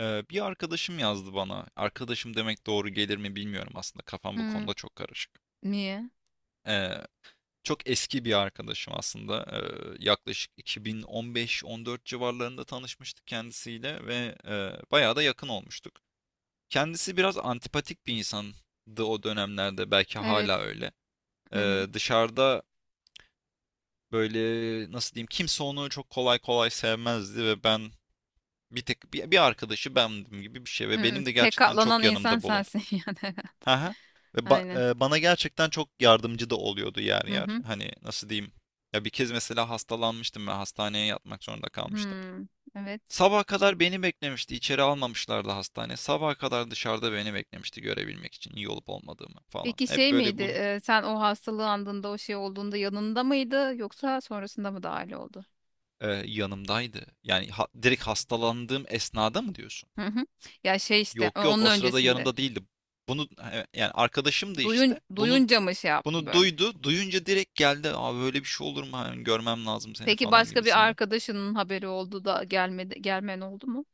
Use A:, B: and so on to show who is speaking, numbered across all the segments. A: Bir arkadaşım yazdı bana. Arkadaşım demek doğru gelir mi bilmiyorum aslında. Kafam bu
B: Hmm,
A: konuda çok karışık.
B: niye?
A: Ee, Çok eski bir arkadaşım aslında. Yaklaşık 2015-14 civarlarında tanışmıştık kendisiyle ve bayağı da yakın olmuştuk. Kendisi biraz antipatik bir insandı o dönemlerde. Belki hala
B: Evet.
A: öyle.
B: Hı hı.
A: Dışarıda böyle nasıl diyeyim, kimse onu çok kolay kolay sevmezdi ve ben bir tek bir arkadaşı bendim gibi bir şey ve
B: Hı,
A: benim de
B: tek
A: gerçekten
B: katlanan
A: çok
B: insan
A: yanımda bulundu.
B: sensin yani.
A: Hı hı. Ve
B: Aynen.
A: ba- Bana gerçekten çok yardımcı da oluyordu yer
B: Hı
A: yer.
B: hı.
A: Hani nasıl diyeyim? Ya bir kez mesela hastalanmıştım ve hastaneye yatmak zorunda kalmıştım.
B: Hmm, evet.
A: Sabaha kadar beni beklemişti. İçeri almamışlardı hastane. Sabaha kadar dışarıda beni beklemişti, görebilmek için iyi olup olmadığımı falan.
B: Peki
A: Hep
B: şey
A: böyle
B: miydi?
A: bunun
B: Sen o hastalığı andığında o şey olduğunda yanında mıydı yoksa sonrasında mı dahil oldu?
A: yanımdaydı. Yani direkt hastalandığım esnada mı diyorsun?
B: Hı hı. Ya şey işte
A: Yok yok,
B: onun
A: o sırada
B: öncesinde.
A: yanında değildi. Bunu yani arkadaşımdı
B: Duyun
A: işte. Bunu
B: duyunca mı şey yaptı
A: bunu
B: böyle?
A: duydu. Duyunca direkt geldi. Abi böyle bir şey olur mu? Hani görmem lazım seni
B: Peki
A: falan
B: başka bir
A: gibisinden.
B: arkadaşının haberi oldu da gelmedi gelmen oldu mu?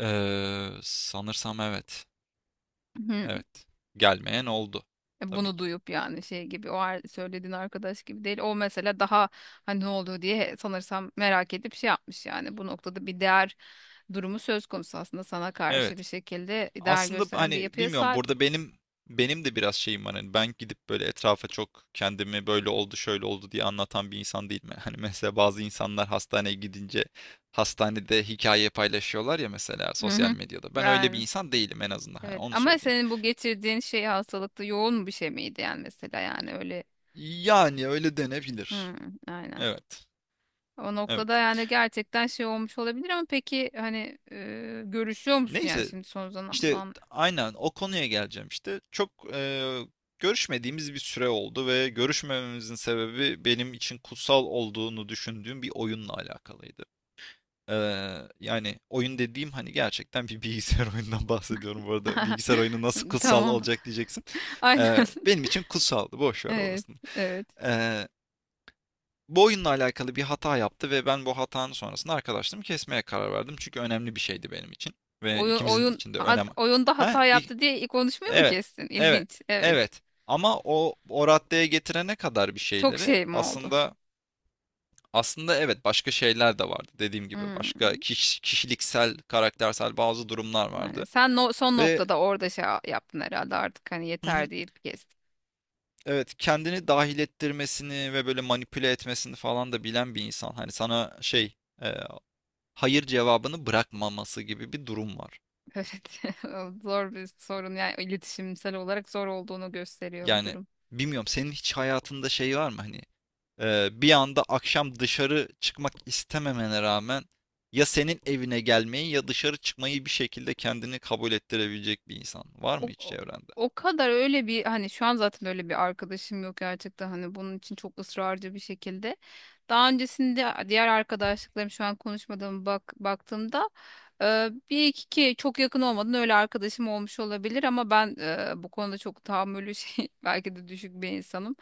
A: Sanırsam evet.
B: Hı.
A: Evet. Gelmeyen oldu. Tabii
B: Bunu
A: ki.
B: duyup yani şey gibi o söylediğin arkadaş gibi değil. O mesela daha hani ne oldu diye sanırsam merak edip şey yapmış yani. Bu noktada bir değer durumu söz konusu, aslında sana karşı bir
A: Evet.
B: şekilde değer
A: Aslında
B: gösteren bir
A: hani
B: yapıya
A: bilmiyorum,
B: sahip.
A: burada benim de biraz şeyim var, hani ben gidip böyle etrafa çok kendimi böyle oldu şöyle oldu diye anlatan bir insan değilim. Yani. Hani mesela bazı insanlar hastaneye gidince hastanede hikaye paylaşıyorlar ya, mesela
B: Hı
A: sosyal
B: hı.
A: medyada. Ben öyle bir
B: Yani
A: insan değilim, en azından hani
B: evet,
A: onu
B: ama
A: söyleyeyim.
B: senin bu geçirdiğin şey hastalıkta yoğun bir şey miydi yani, mesela yani, öyle.
A: Yani öyle
B: Hı,
A: denebilir.
B: aynen.
A: Evet.
B: O noktada
A: Evet.
B: yani gerçekten şey olmuş olabilir, ama peki hani görüşüyor musun yani
A: Neyse,
B: şimdi son
A: İşte
B: zaman?
A: aynen o konuya geleceğim işte. Çok görüşmediğimiz bir süre oldu ve görüşmememizin sebebi benim için kutsal olduğunu düşündüğüm bir oyunla alakalıydı. Ee, Yani oyun dediğim hani gerçekten bir bilgisayar oyunundan bahsediyorum bu arada. Bilgisayar oyunu nasıl kutsal
B: Tamam.
A: olacak diyeceksin.
B: Aynen.
A: Benim için kutsaldı. Boş ver
B: Evet,
A: orasını.
B: evet.
A: Ee, Bu oyunla alakalı bir hata yaptı ve ben bu hatanın sonrasında arkadaşlığımı kesmeye karar verdim. Çünkü önemli bir şeydi benim için. Ve ikimizin için de önem...
B: Oyunda
A: Ha?
B: hata yaptı diye konuşmuyor mu,
A: Evet,
B: kestin?
A: evet,
B: İlginç. Evet.
A: evet. Ama o raddeye getirene kadar bir
B: Çok
A: şeyleri
B: şey mi oldu?
A: aslında, aslında evet, başka şeyler de vardı, dediğim gibi
B: Hmm.
A: başka kişiliksel karaktersel bazı durumlar
B: Yani
A: vardı
B: sen son
A: ve
B: noktada orada şey yaptın herhalde, artık hani
A: hı hı,
B: yeter deyip kestin.
A: evet, kendini dahil ettirmesini ve böyle manipüle etmesini falan da bilen bir insan, hani sana şey, e, hayır cevabını bırakmaması gibi bir durum var.
B: Evet. Zor bir sorun, yani iletişimsel olarak zor olduğunu gösteriyor bu
A: Yani
B: durum.
A: bilmiyorum senin hiç hayatında şey var mı hani, bir anda akşam dışarı çıkmak istememene rağmen ya senin evine gelmeyi ya dışarı çıkmayı bir şekilde kendini kabul ettirebilecek bir insan var mı
B: O,
A: hiç
B: o
A: çevrende?
B: O kadar öyle bir hani, şu an zaten öyle bir arkadaşım yok gerçekten, hani bunun için çok ısrarcı bir şekilde. Daha öncesinde diğer arkadaşlıklarım, şu an konuşmadığım, bak baktığımda bir iki ki çok yakın olmadan öyle arkadaşım olmuş olabilir, ama ben bu konuda çok tahammülü şey belki de düşük bir insanım.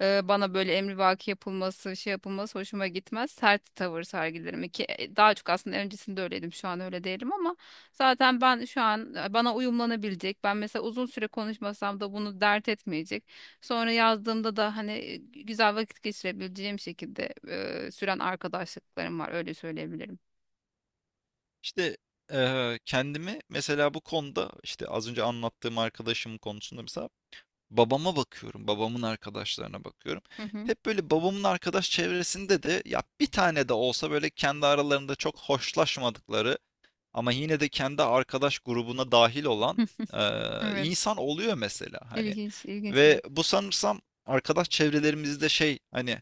B: Bana böyle emrivaki yapılması, şey yapılması hoşuma gitmez. Sert tavır sergilerim ki daha çok aslında öncesinde öyleydim, şu an öyle değilim, ama zaten ben şu an bana uyumlanabilecek. Ben mesela uzun süre konuşmasam da bunu dert etmeyecek. Sonra yazdığımda da hani güzel vakit geçirebileceğim şekilde süren arkadaşlıklarım var. Öyle söyleyebilirim.
A: İşte kendimi mesela bu konuda, işte az önce anlattığım arkadaşım konusunda mesela babama bakıyorum, babamın arkadaşlarına bakıyorum.
B: Hı hı.
A: Hep böyle babamın arkadaş çevresinde de ya bir tane de olsa böyle kendi aralarında çok hoşlaşmadıkları, ama yine de kendi arkadaş grubuna dahil olan
B: Evet.
A: insan oluyor mesela hani.
B: İlginç, ilginç bir
A: Ve
B: yapı.
A: bu sanırsam arkadaş çevrelerimizde şey, hani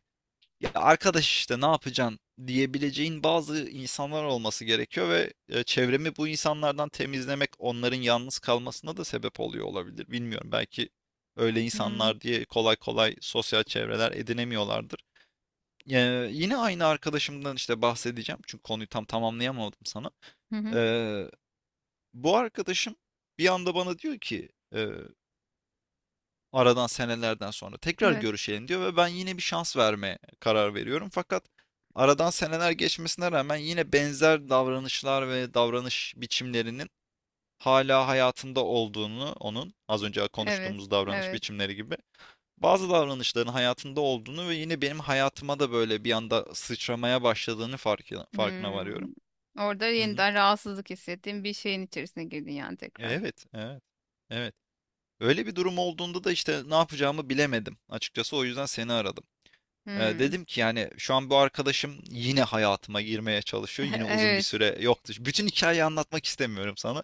A: ya arkadaş işte ne yapacaksın diyebileceğin bazı insanlar olması gerekiyor ve çevremi bu insanlardan temizlemek onların yalnız kalmasına da sebep oluyor olabilir. Bilmiyorum, belki öyle
B: Hmm.
A: insanlar diye kolay kolay sosyal çevreler edinemiyorlardır. Yine aynı arkadaşımdan işte bahsedeceğim çünkü konuyu tam tamamlayamadım sana.
B: Hı
A: E,
B: hı.
A: Bu arkadaşım bir anda bana diyor ki eee, aradan senelerden sonra tekrar
B: Evet.
A: görüşelim diyor ve ben yine bir şans vermeye karar veriyorum. Fakat aradan seneler geçmesine rağmen yine benzer davranışlar ve davranış biçimlerinin hala hayatında olduğunu, onun az önce
B: Evet.
A: konuştuğumuz davranış
B: Evet.
A: biçimleri gibi bazı davranışların hayatında olduğunu ve yine benim hayatıma da böyle bir anda sıçramaya başladığını farkına varıyorum.
B: Hmm. Orada
A: Hı hı.
B: yeniden rahatsızlık hissettiğim bir şeyin içerisine girdin yani, tekrar.
A: Evet, evet, evet. Öyle bir durum olduğunda da işte ne yapacağımı bilemedim. Açıkçası o yüzden seni aradım.
B: Hmm.
A: Dedim ki yani şu an bu arkadaşım yine hayatıma girmeye çalışıyor. Yine uzun bir
B: Evet.
A: süre yoktu. Bütün hikayeyi anlatmak istemiyorum sana.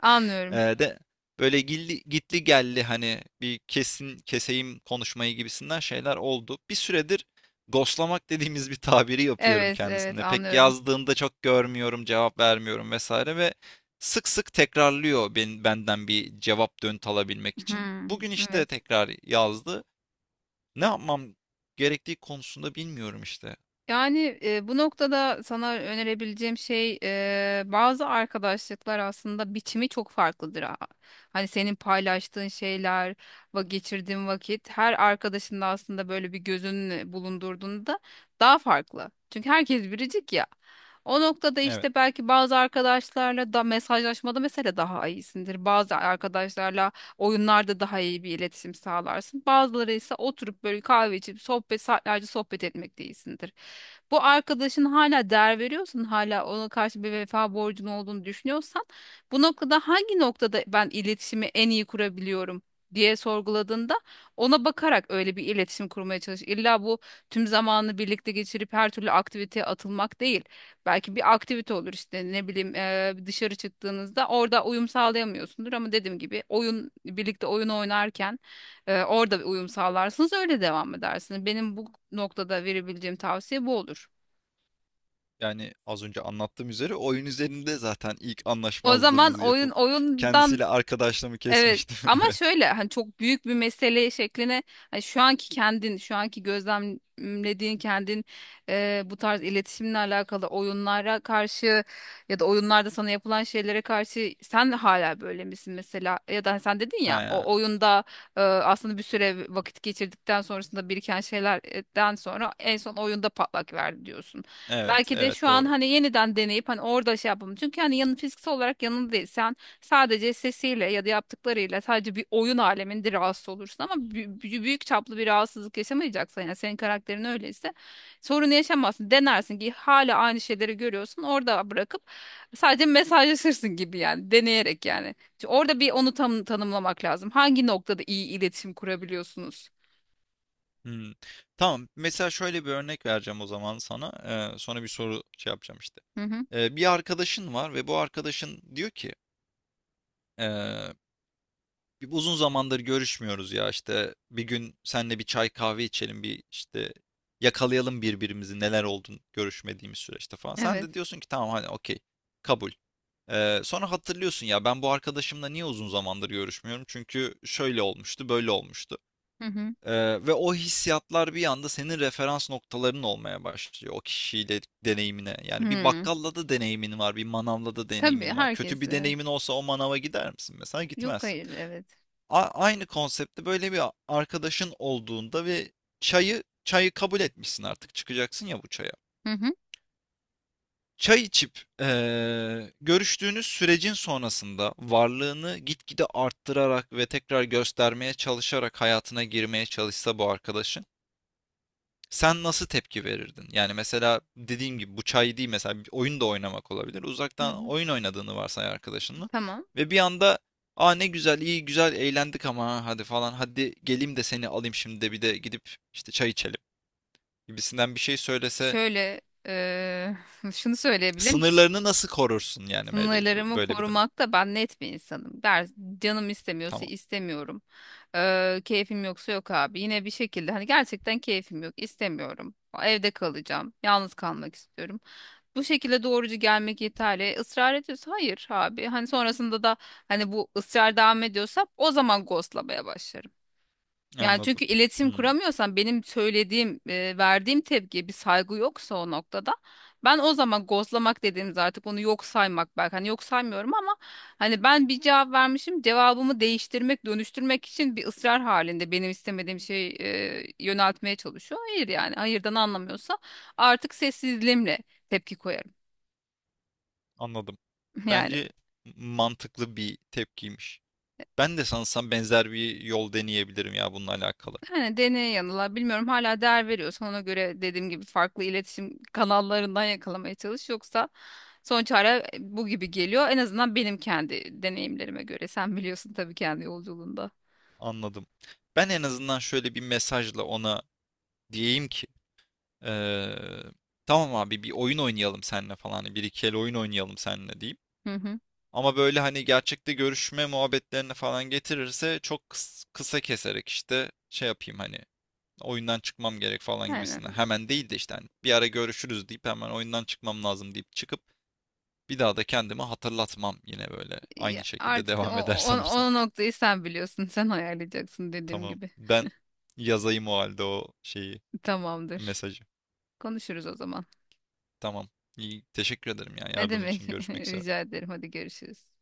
B: Anlıyorum.
A: De Böyle gilli, gitli gelli hani bir kesin keseyim konuşmayı gibisinden şeyler oldu. Bir süredir ghostlamak dediğimiz bir tabiri yapıyorum
B: Evet, evet,
A: kendisine. Pek
B: anlıyorum.
A: yazdığında çok görmüyorum, cevap vermiyorum vesaire ve sık sık tekrarlıyor benden bir cevap dönt alabilmek için.
B: Hmm.
A: Bugün işte
B: Evet.
A: tekrar yazdı. Ne yapmam gerektiği konusunda bilmiyorum işte.
B: Yani bu noktada sana önerebileceğim şey, bazı arkadaşlıklar aslında biçimi çok farklıdır, ha. Hani senin paylaştığın şeyler, va geçirdiğin vakit, her arkadaşında aslında böyle bir gözün bulundurduğunda daha farklı. Çünkü herkes biricik ya. O noktada
A: Evet,
B: işte belki bazı arkadaşlarla da mesajlaşmada mesela daha iyisindir. Bazı arkadaşlarla oyunlarda daha iyi bir iletişim sağlarsın. Bazıları ise oturup böyle kahve içip sohbet, saatlerce sohbet etmekte iyisindir. Bu arkadaşın hala değer veriyorsan, hala ona karşı bir vefa borcun olduğunu düşünüyorsan, bu noktada hangi noktada ben iletişimi en iyi kurabiliyorum diye sorguladığında ona bakarak öyle bir iletişim kurmaya çalış. İlla bu tüm zamanını birlikte geçirip her türlü aktiviteye atılmak değil. Belki bir aktivite olur işte, ne bileyim, dışarı çıktığınızda orada uyum sağlayamıyorsundur, ama dediğim gibi birlikte oyun oynarken orada bir uyum sağlarsınız, öyle devam edersiniz. Benim bu noktada verebileceğim tavsiye bu olur.
A: yani az önce anlattığım üzere oyun üzerinde zaten ilk
B: O zaman
A: anlaşmazlığımızı yapıp
B: oyundan
A: kendisiyle arkadaşlığımı
B: evet,
A: kesmiştim.
B: ama
A: Evet.
B: şöyle hani çok büyük bir mesele şekline, hani şu anki kendin, şu anki gözlemlediğin kendin, bu tarz iletişimle alakalı oyunlara karşı ya da oyunlarda sana yapılan şeylere karşı sen hala böyle misin mesela? Ya da hani, sen dedin ya
A: Ha,
B: o oyunda aslında bir süre vakit geçirdikten sonrasında biriken şeylerden sonra en son oyunda patlak verdi diyorsun.
A: evet,
B: Belki de
A: evet
B: şu an
A: doğru.
B: hani yeniden deneyip hani orada şey yapalım, çünkü hani yanın fiziksel olarak yanında değil. Sadece sesiyle ya da yaptıklarıyla sadece bir oyun aleminde rahatsız olursun, ama büyük çaplı bir rahatsızlık yaşamayacaksan, yani senin karakterin öyleyse sorunu yaşamazsın. Denersin ki hala aynı şeyleri görüyorsun, orada bırakıp sadece mesajlaşırsın gibi yani, deneyerek yani. Çünkü orada bir onu tam tanımlamak lazım. Hangi noktada iyi iletişim kurabiliyorsunuz?
A: Hmm. Tamam. Mesela şöyle bir örnek vereceğim o zaman sana. Sonra bir soru şey yapacağım işte.
B: Hı hı.
A: Bir arkadaşın var ve bu arkadaşın diyor ki, bir uzun zamandır görüşmüyoruz ya işte, bir gün senle bir çay kahve içelim, bir işte yakalayalım birbirimizi neler oldun görüşmediğimiz süreçte falan. Sen de
B: Evet.
A: diyorsun ki tamam hani okey, kabul. Sonra hatırlıyorsun ya, ben bu arkadaşımla niye uzun zamandır görüşmüyorum? Çünkü şöyle olmuştu, böyle olmuştu.
B: Hı hı.
A: Ee, Ve o hissiyatlar bir anda senin referans noktaların olmaya başlıyor o kişiyle deneyimine. Yani bir
B: Hı.
A: bakkalla da deneyimin var, bir manavla da
B: Tabii
A: deneyimin var. Kötü bir
B: herkesle.
A: deneyimin olsa o manava gider misin? Mesela
B: Yok,
A: gitmezsin.
B: hayır, evet.
A: Aynı konseptte böyle bir arkadaşın olduğunda ve çayı kabul etmişsin, artık çıkacaksın ya bu çaya.
B: Hı hı.
A: Çay içip görüştüğünüz sürecin sonrasında varlığını gitgide arttırarak ve tekrar göstermeye çalışarak hayatına girmeye çalışsa bu arkadaşın, sen nasıl tepki verirdin? Yani mesela dediğim gibi bu çay değil, mesela bir oyun da oynamak olabilir.
B: Hı
A: Uzaktan
B: hı.
A: oyun oynadığını varsay arkadaşınla
B: Tamam.
A: ve bir anda aa ne güzel, iyi güzel eğlendik ama ha, hadi falan, hadi geleyim de seni alayım şimdi, de bir de gidip işte çay içelim gibisinden bir şey söylese
B: Şöyle eee, şunu söyleyebilir misin?
A: sınırlarını nasıl korursun yani
B: Sınırlarımı
A: böyle bir durumda?
B: korumakta ben net bir insanım. Der, canım istemiyorsa
A: Tamam,
B: istemiyorum. Keyfim yoksa yok abi. Yine bir şekilde hani gerçekten keyfim yok, istemiyorum. Evde kalacağım. Yalnız kalmak istiyorum. Bu şekilde doğrucu gelmek yeterli. Israr ediyorsa hayır abi. Hani sonrasında da hani bu ısrar devam ediyorsa o zaman ghostlamaya başlarım. Yani
A: anladım.
B: çünkü iletişim
A: Hmm,
B: kuramıyorsan benim söylediğim, verdiğim tepkiye bir saygı yoksa o noktada ben o zaman gozlamak dediğimiz, artık onu yok saymak, belki hani yok saymıyorum ama hani ben bir cevap vermişim, cevabımı değiştirmek, dönüştürmek için bir ısrar halinde benim istemediğim şeyi yöneltmeye çalışıyor. Hayır, yani hayırdan anlamıyorsa artık sessizliğimle tepki koyarım.
A: anladım.
B: Yani,
A: Bence mantıklı bir tepkiymiş. Ben de sanırsam benzer bir yol deneyebilirim ya bununla alakalı.
B: yani deneye yanıla, bilmiyorum, hala değer veriyorsan ona göre dediğim gibi farklı iletişim kanallarından yakalamaya çalış, yoksa son çare bu gibi geliyor. En azından benim kendi deneyimlerime göre. Sen biliyorsun tabii kendi yolculuğunda.
A: Anladım. Ben en azından şöyle bir mesajla ona diyeyim ki eee, tamam abi bir oyun oynayalım seninle falan, hani bir iki el oyun oynayalım seninle diyeyim.
B: Hı hı.
A: Ama böyle hani gerçekte görüşme muhabbetlerine falan getirirse çok kısa keserek işte şey yapayım, hani oyundan çıkmam gerek falan gibisinden.
B: Aynen.
A: Hemen değil de işte hani bir ara görüşürüz deyip hemen oyundan çıkmam lazım deyip çıkıp bir daha da kendimi hatırlatmam, yine böyle aynı
B: Ya
A: şekilde
B: artık
A: devam eder sanırsam.
B: o noktayı sen biliyorsun. Sen ayarlayacaksın dediğim
A: Tamam.
B: gibi.
A: Ben yazayım o halde o şeyi,
B: Tamamdır.
A: mesajı.
B: Konuşuruz o zaman.
A: Tamam. İyi. Teşekkür ederim ya,
B: Ne
A: yardım
B: demek?
A: için. Görüşmek üzere.
B: Rica ederim. Hadi görüşürüz.